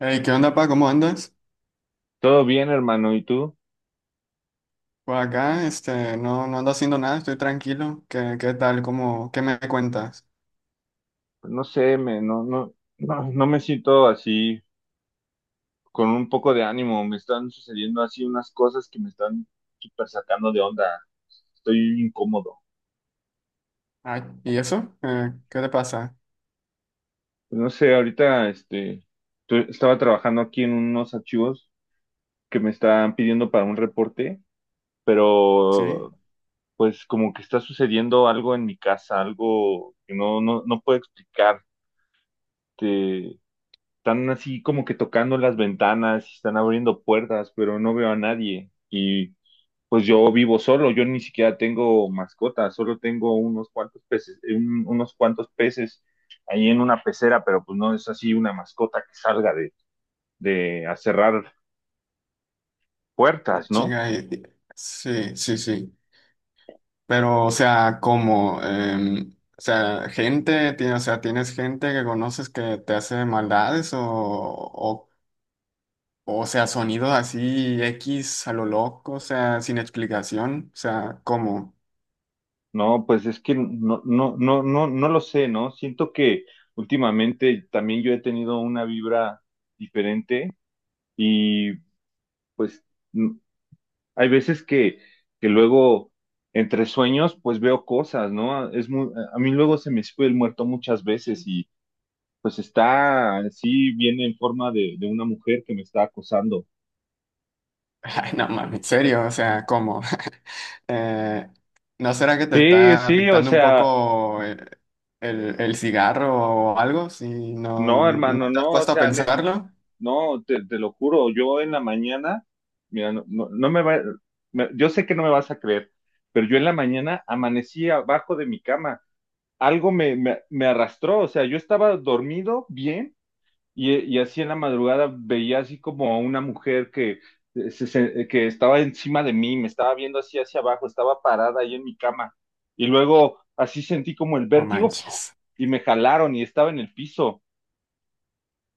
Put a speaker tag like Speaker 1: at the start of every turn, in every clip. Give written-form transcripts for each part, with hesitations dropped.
Speaker 1: Hey, ¿qué onda, pa? ¿Cómo andas?
Speaker 2: Todo bien, hermano, ¿y tú?
Speaker 1: Pues acá, este, no ando haciendo nada, estoy tranquilo. ¿Qué tal? ¿Qué me cuentas?
Speaker 2: No sé, me, no, no, no, no me siento así con un poco de ánimo. Me están sucediendo así unas cosas que me están súper sacando de onda. Estoy incómodo.
Speaker 1: Ay, ¿y eso? ¿Qué te pasa?
Speaker 2: Pues, no sé, ahorita estaba trabajando aquí en unos archivos que me están pidiendo para un reporte,
Speaker 1: ¿Sí?
Speaker 2: pero pues como que está sucediendo algo en mi casa, algo que no puedo explicar. Están así como que tocando las ventanas, están abriendo puertas, pero no veo a nadie. Y pues yo vivo solo, yo ni siquiera tengo mascota, solo tengo unos cuantos peces, unos cuantos peces ahí en una pecera, pero pues no es así una mascota que salga de a cerrar
Speaker 1: Ah,
Speaker 2: puertas, ¿no?
Speaker 1: chinga, sí, sí, sí. Pero, o sea, ¿cómo? O sea, o sea, ¿tienes gente que conoces que te hace maldades o sea, sonidos así X a lo loco, o sea, sin explicación? O sea, ¿cómo?
Speaker 2: No, pues es que no lo sé, ¿no? Siento que últimamente también yo he tenido una vibra diferente y pues hay veces que luego entre sueños pues veo cosas, ¿no? Es muy, a mí luego se me sube el muerto muchas veces y pues está así, viene en forma de una mujer que me está acosando.
Speaker 1: Ay, no mames, en serio, o sea, ¿cómo? Eh, ¿no será que te
Speaker 2: Sí,
Speaker 1: está
Speaker 2: sí, o
Speaker 1: afectando un
Speaker 2: sea,
Speaker 1: poco el cigarro o algo? Si no,
Speaker 2: no, hermano,
Speaker 1: no te has
Speaker 2: no, o
Speaker 1: puesto a
Speaker 2: sea,
Speaker 1: pensarlo,
Speaker 2: no, te lo juro, yo en la mañana, mira, no me va, yo sé que no me vas a creer, pero yo en la mañana amanecí abajo de mi cama, algo me arrastró, o sea, yo estaba dormido bien. Y así en la madrugada veía así como a una mujer que, que estaba encima de mí, me estaba viendo así hacia abajo, estaba parada ahí en mi cama. Y luego así sentí como el
Speaker 1: no
Speaker 2: vértigo ¡fu!
Speaker 1: manches.
Speaker 2: Y me jalaron y estaba en el piso.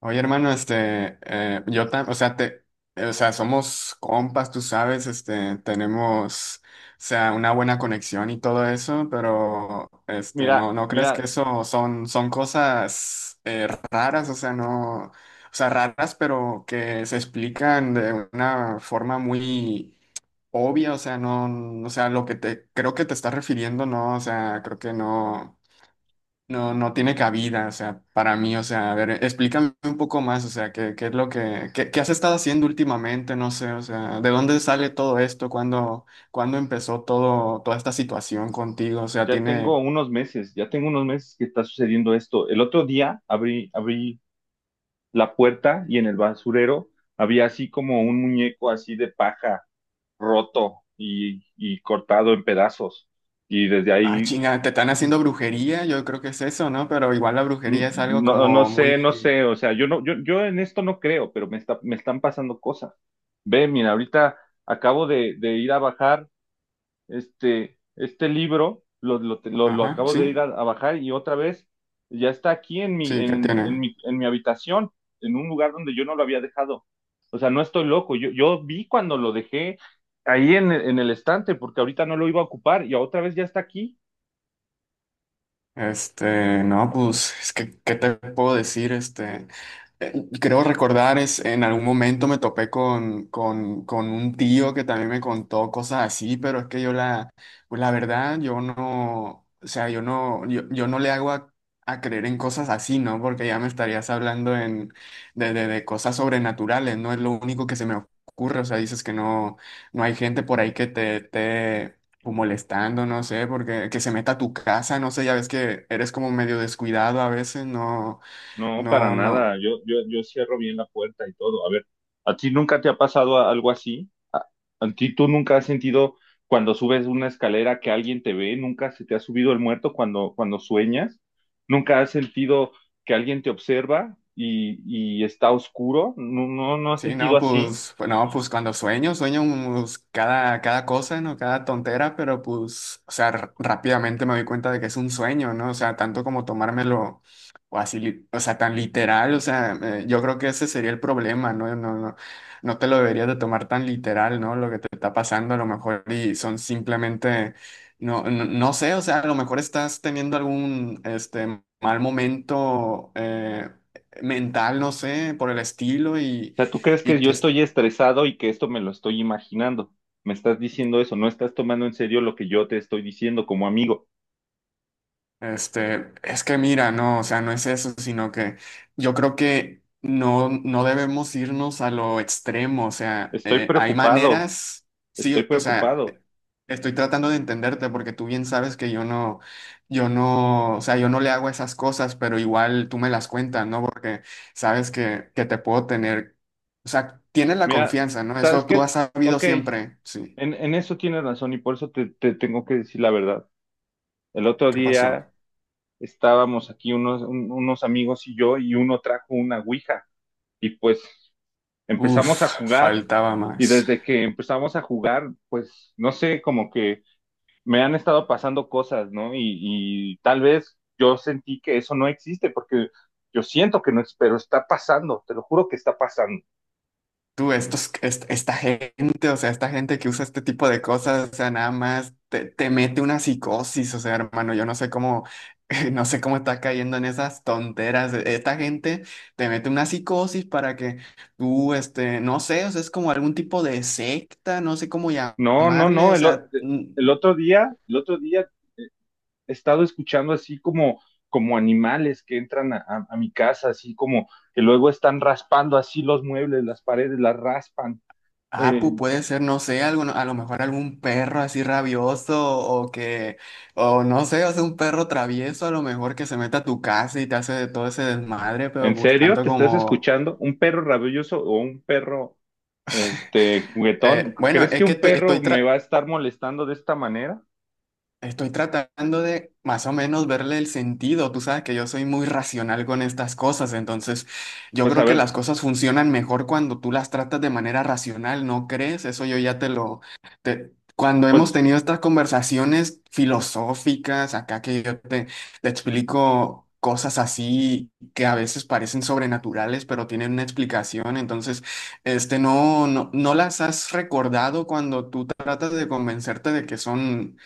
Speaker 1: Oye, hermano, este, o sea, o sea, somos compas, tú sabes, este, tenemos, o sea, una buena conexión y todo eso, pero, este, no,
Speaker 2: Mira,
Speaker 1: no crees que
Speaker 2: mira,
Speaker 1: eso son cosas raras, o sea, no, o sea, raras, pero que se explican de una forma muy obvia, o sea, no, o sea, creo que te estás refiriendo, no, o sea, creo que no. No tiene cabida, o sea, para mí, o sea, a ver, explícame un poco más, o sea, qué es lo que, qué has estado haciendo últimamente, no sé, o sea, ¿de dónde sale todo esto? ¿Cuándo empezó toda esta situación contigo?
Speaker 2: Ya tengo unos meses, ya tengo unos meses que está sucediendo esto. El otro día abrí la puerta y en el basurero había así como un muñeco así de paja roto y cortado en pedazos. Y desde
Speaker 1: Ah,
Speaker 2: ahí.
Speaker 1: chinga, te están haciendo brujería, yo creo que es eso, ¿no? Pero igual la
Speaker 2: Mm,
Speaker 1: brujería es algo
Speaker 2: No, no
Speaker 1: como
Speaker 2: sé,
Speaker 1: muy,
Speaker 2: o sea, yo no, yo en esto no creo, pero me está, me están pasando cosas. Ve, mira, ahorita acabo de ir a bajar este libro, lo
Speaker 1: ajá,
Speaker 2: acabo de ir
Speaker 1: sí,
Speaker 2: a bajar y otra vez ya está aquí en
Speaker 1: sí, ¿qué tiene?
Speaker 2: mi habitación, en un lugar donde yo no lo había dejado. O sea, no estoy loco, yo vi cuando lo dejé ahí en, en el estante, porque ahorita no lo iba a ocupar y otra vez ya está aquí.
Speaker 1: Este, no, pues, es que, ¿qué te puedo decir? Este, eh, creo recordar, es, en algún momento me topé con, con un tío que también me contó cosas así, pero es que pues la verdad, yo no, o sea, yo no, yo no le hago a creer en cosas así, ¿no? Porque ya me estarías hablando en, de cosas sobrenaturales, no es lo único que se me ocurre, o sea, dices que no, hay gente por ahí que te, esté o molestando, no sé, porque que se meta a tu casa, no sé, ya ves que eres como medio descuidado a veces, no,
Speaker 2: No, para
Speaker 1: no, no.
Speaker 2: nada. Yo cierro bien la puerta y todo. A ver, ¿a ti nunca te ha pasado algo así? ¿A ti tú nunca has sentido cuando subes una escalera que alguien te ve? ¿Nunca se te ha subido el muerto cuando sueñas? ¿Nunca has sentido que alguien te observa y está oscuro? No has
Speaker 1: Sí,
Speaker 2: sentido
Speaker 1: no,
Speaker 2: así.
Speaker 1: pues, no, pues cuando sueño, sueño pues, cada cosa, ¿no? Cada tontera, pero pues, o sea, rápidamente me doy cuenta de que es un sueño, ¿no? O sea, tanto como tomármelo o así, o sea, tan literal, o sea, yo creo que ese sería el problema, ¿no? No te lo deberías de tomar tan literal, ¿no? Lo que te está pasando a lo mejor y son simplemente, no sé, o sea, a lo mejor estás teniendo algún, este, mal momento, mental, no sé, por el estilo
Speaker 2: O
Speaker 1: y
Speaker 2: sea, ¿tú crees que
Speaker 1: y
Speaker 2: yo
Speaker 1: te-
Speaker 2: estoy estresado y que esto me lo estoy imaginando? Me estás diciendo eso, no estás tomando en serio lo que yo te estoy diciendo como amigo.
Speaker 1: este, es que mira, no, o sea, no es eso, sino que yo creo que no debemos irnos a lo extremo, o sea,
Speaker 2: Estoy
Speaker 1: hay
Speaker 2: preocupado,
Speaker 1: maneras,
Speaker 2: estoy
Speaker 1: sí, o sea,
Speaker 2: preocupado.
Speaker 1: estoy tratando de entenderte porque tú bien sabes que yo no, o sea, yo no le hago esas cosas, pero igual tú me las cuentas, ¿no? Porque sabes que te puedo tener, o sea, tienes la
Speaker 2: Mira,
Speaker 1: confianza, ¿no?
Speaker 2: ¿sabes
Speaker 1: Eso tú
Speaker 2: qué?
Speaker 1: has sabido
Speaker 2: Ok,
Speaker 1: siempre, sí.
Speaker 2: en eso tienes razón y por eso te tengo que decir la verdad. El otro
Speaker 1: ¿Qué pasó?
Speaker 2: día estábamos aquí unos, unos amigos y yo y uno trajo una ouija y pues empezamos a
Speaker 1: Uf,
Speaker 2: jugar
Speaker 1: faltaba
Speaker 2: y
Speaker 1: más.
Speaker 2: desde que empezamos a jugar, pues no sé, como que me han estado pasando cosas, ¿no? Y tal vez yo sentí que eso no existe porque yo siento que no es, pero está pasando, te lo juro que está pasando.
Speaker 1: Esta gente, o sea, esta gente que usa este tipo de cosas, o sea, nada más te mete una psicosis, o sea, hermano, yo no sé cómo, no sé cómo estás cayendo en esas tonteras. Esta gente te mete una psicosis para que tú, este, no sé, o sea, es como algún tipo de secta, no sé cómo
Speaker 2: No, no,
Speaker 1: llamarle,
Speaker 2: no,
Speaker 1: o
Speaker 2: el, o-
Speaker 1: sea,
Speaker 2: El otro día, he estado escuchando así como, como animales que entran a, a mi casa, así como que luego están raspando así los muebles, las paredes, las raspan.
Speaker 1: ah,
Speaker 2: Eh,
Speaker 1: puede ser, no sé, algún, a lo mejor algún perro así rabioso o que, o no sé, o sea, un perro travieso a lo mejor que se meta a tu casa y te hace de todo ese desmadre, pero
Speaker 2: ¿En
Speaker 1: pues
Speaker 2: serio?
Speaker 1: tanto
Speaker 2: ¿Te estás
Speaker 1: como,
Speaker 2: escuchando? ¿Un perro rabioso o un perro, este, juguetón?
Speaker 1: bueno,
Speaker 2: ¿Crees
Speaker 1: es
Speaker 2: que
Speaker 1: que
Speaker 2: un
Speaker 1: estoy,
Speaker 2: perro me va a estar molestando de esta manera?
Speaker 1: estoy tratando de más o menos verle el sentido. Tú sabes que yo soy muy racional con estas cosas, entonces yo
Speaker 2: Pues a
Speaker 1: creo que
Speaker 2: ver,
Speaker 1: las cosas funcionan mejor cuando tú las tratas de manera racional, ¿no crees? Eso yo ya te lo... Cuando hemos
Speaker 2: pues
Speaker 1: tenido estas conversaciones filosóficas, acá que yo te explico cosas así que a veces parecen sobrenaturales, pero tienen una explicación, entonces este, no las has recordado cuando tú tratas de convencerte de que son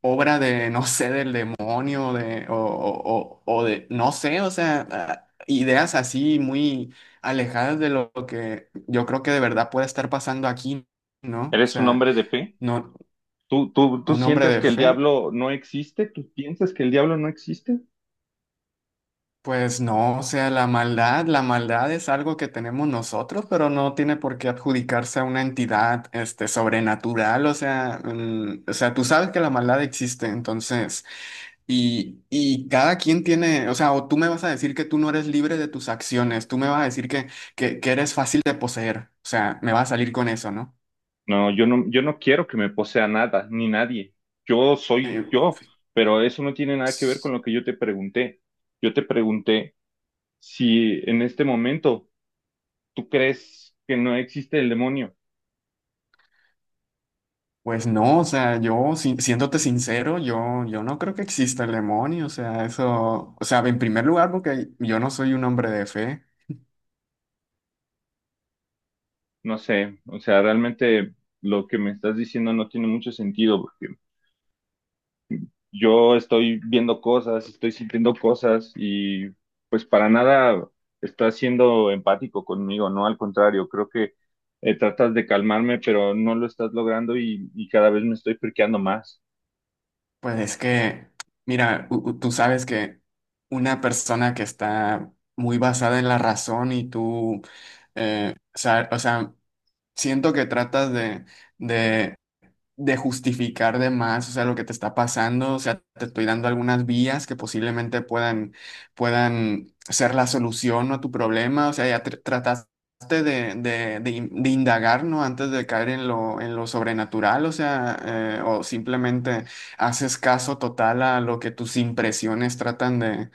Speaker 1: obra de, no sé, del demonio de, o de, no sé, o sea, ah, ideas así muy alejadas de lo que yo creo que de verdad puede estar pasando aquí, ¿no? O
Speaker 2: eres un
Speaker 1: sea,
Speaker 2: hombre de fe.
Speaker 1: no,
Speaker 2: Tú
Speaker 1: un hombre
Speaker 2: sientes
Speaker 1: de
Speaker 2: que el
Speaker 1: fe,
Speaker 2: diablo no existe? ¿Tú piensas que el diablo no existe?
Speaker 1: pues no, o sea, la maldad es algo que tenemos nosotros, pero no tiene por qué adjudicarse a una entidad, este, sobrenatural, o sea, mm, o sea, tú sabes que la maldad existe, entonces... Y, y cada quien tiene, o sea, o tú me vas a decir que tú no eres libre de tus acciones, tú me vas a decir que, que eres fácil de poseer, o sea, me vas a salir con eso, ¿no?
Speaker 2: No, yo no quiero que me posea nada, ni nadie. Yo soy
Speaker 1: Eh,
Speaker 2: yo, pero eso no tiene nada que ver con
Speaker 1: s-
Speaker 2: lo que yo te pregunté. Yo te pregunté si en este momento tú crees que no existe el demonio.
Speaker 1: pues no, o sea, yo, siéndote sincero, yo no creo que exista el demonio, o sea, eso, o sea, en primer lugar, porque yo no soy un hombre de fe,
Speaker 2: No sé, o sea, realmente lo que me estás diciendo no tiene mucho sentido. Yo estoy viendo cosas, estoy sintiendo cosas y pues para nada estás siendo empático conmigo, ¿no? Al contrario, creo que tratas de calmarme, pero no lo estás logrando y cada vez me estoy friqueando más.
Speaker 1: pues es que, mira, tú sabes que una persona que está muy basada en la razón y tú... o sea, siento que tratas de, de, de justificar de más, o sea, lo que te está pasando, o sea, te estoy dando algunas vías que posiblemente puedan ser la solución a tu problema, o sea, ya trataste de, de indagar, ¿no? Antes de caer en lo sobrenatural, o sea, o simplemente haces caso total a lo que tus impresiones tratan de,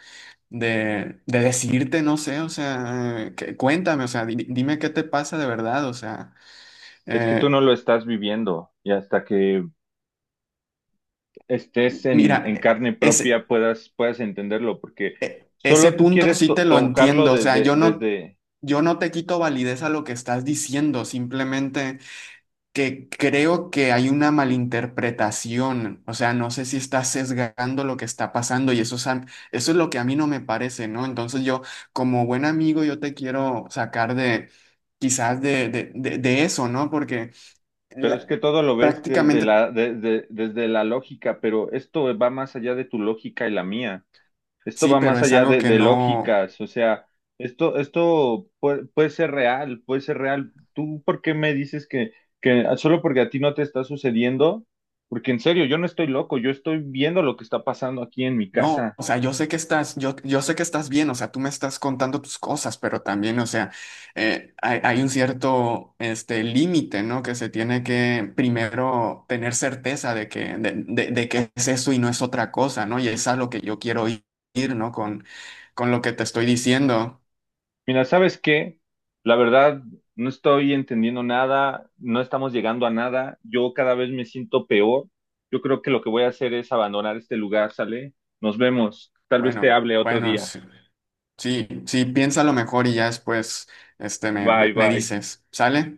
Speaker 1: de decirte, no sé, o sea, cuéntame, o sea, dime qué te pasa de verdad, o sea.
Speaker 2: Es que tú
Speaker 1: Eh,
Speaker 2: no lo estás viviendo y hasta que estés
Speaker 1: Mira,
Speaker 2: en carne propia puedas, puedas entenderlo, porque
Speaker 1: ese
Speaker 2: solo tú
Speaker 1: punto
Speaker 2: quieres
Speaker 1: sí te lo
Speaker 2: tocarlo
Speaker 1: entiendo. O sea, yo no te quito validez a lo que estás diciendo, simplemente que creo que hay una malinterpretación. O sea, no sé si estás sesgando lo que está pasando y eso es, eso es lo que a mí no me parece, ¿no? Entonces yo, como buen amigo, yo te quiero sacar de quizás de, de eso, ¿no? Porque
Speaker 2: pero es
Speaker 1: la-
Speaker 2: que todo lo ves desde
Speaker 1: prácticamente
Speaker 2: desde la lógica, pero esto va más allá de tu lógica y la mía. Esto
Speaker 1: sí,
Speaker 2: va
Speaker 1: pero
Speaker 2: más
Speaker 1: es
Speaker 2: allá
Speaker 1: algo que
Speaker 2: de
Speaker 1: no.
Speaker 2: lógicas, o sea, esto puede, puede ser real, puede ser real. ¿Tú por qué me dices que solo porque a ti no te está sucediendo? Porque en serio, yo no estoy loco, yo estoy viendo lo que está pasando aquí en mi
Speaker 1: No,
Speaker 2: casa.
Speaker 1: o sea, yo, yo sé que estás bien, o sea, tú me estás contando tus cosas, pero también, o sea, hay un cierto, este, límite, ¿no? Que se tiene que primero tener certeza de que, de, de que es eso y no es otra cosa, ¿no? Y es a lo que yo quiero ir, ¿no? Con lo que te estoy diciendo.
Speaker 2: Mira, ¿sabes qué? La verdad, no estoy entendiendo nada, no estamos llegando a nada, yo cada vez me siento peor. Yo creo que lo que voy a hacer es abandonar este lugar, ¿sale? Nos vemos, tal vez te
Speaker 1: Bueno,
Speaker 2: hable otro
Speaker 1: bueno,
Speaker 2: día.
Speaker 1: sí, sí, sí, piénsalo mejor y ya después, este,
Speaker 2: Bye,
Speaker 1: me
Speaker 2: bye.
Speaker 1: dices, ¿sale?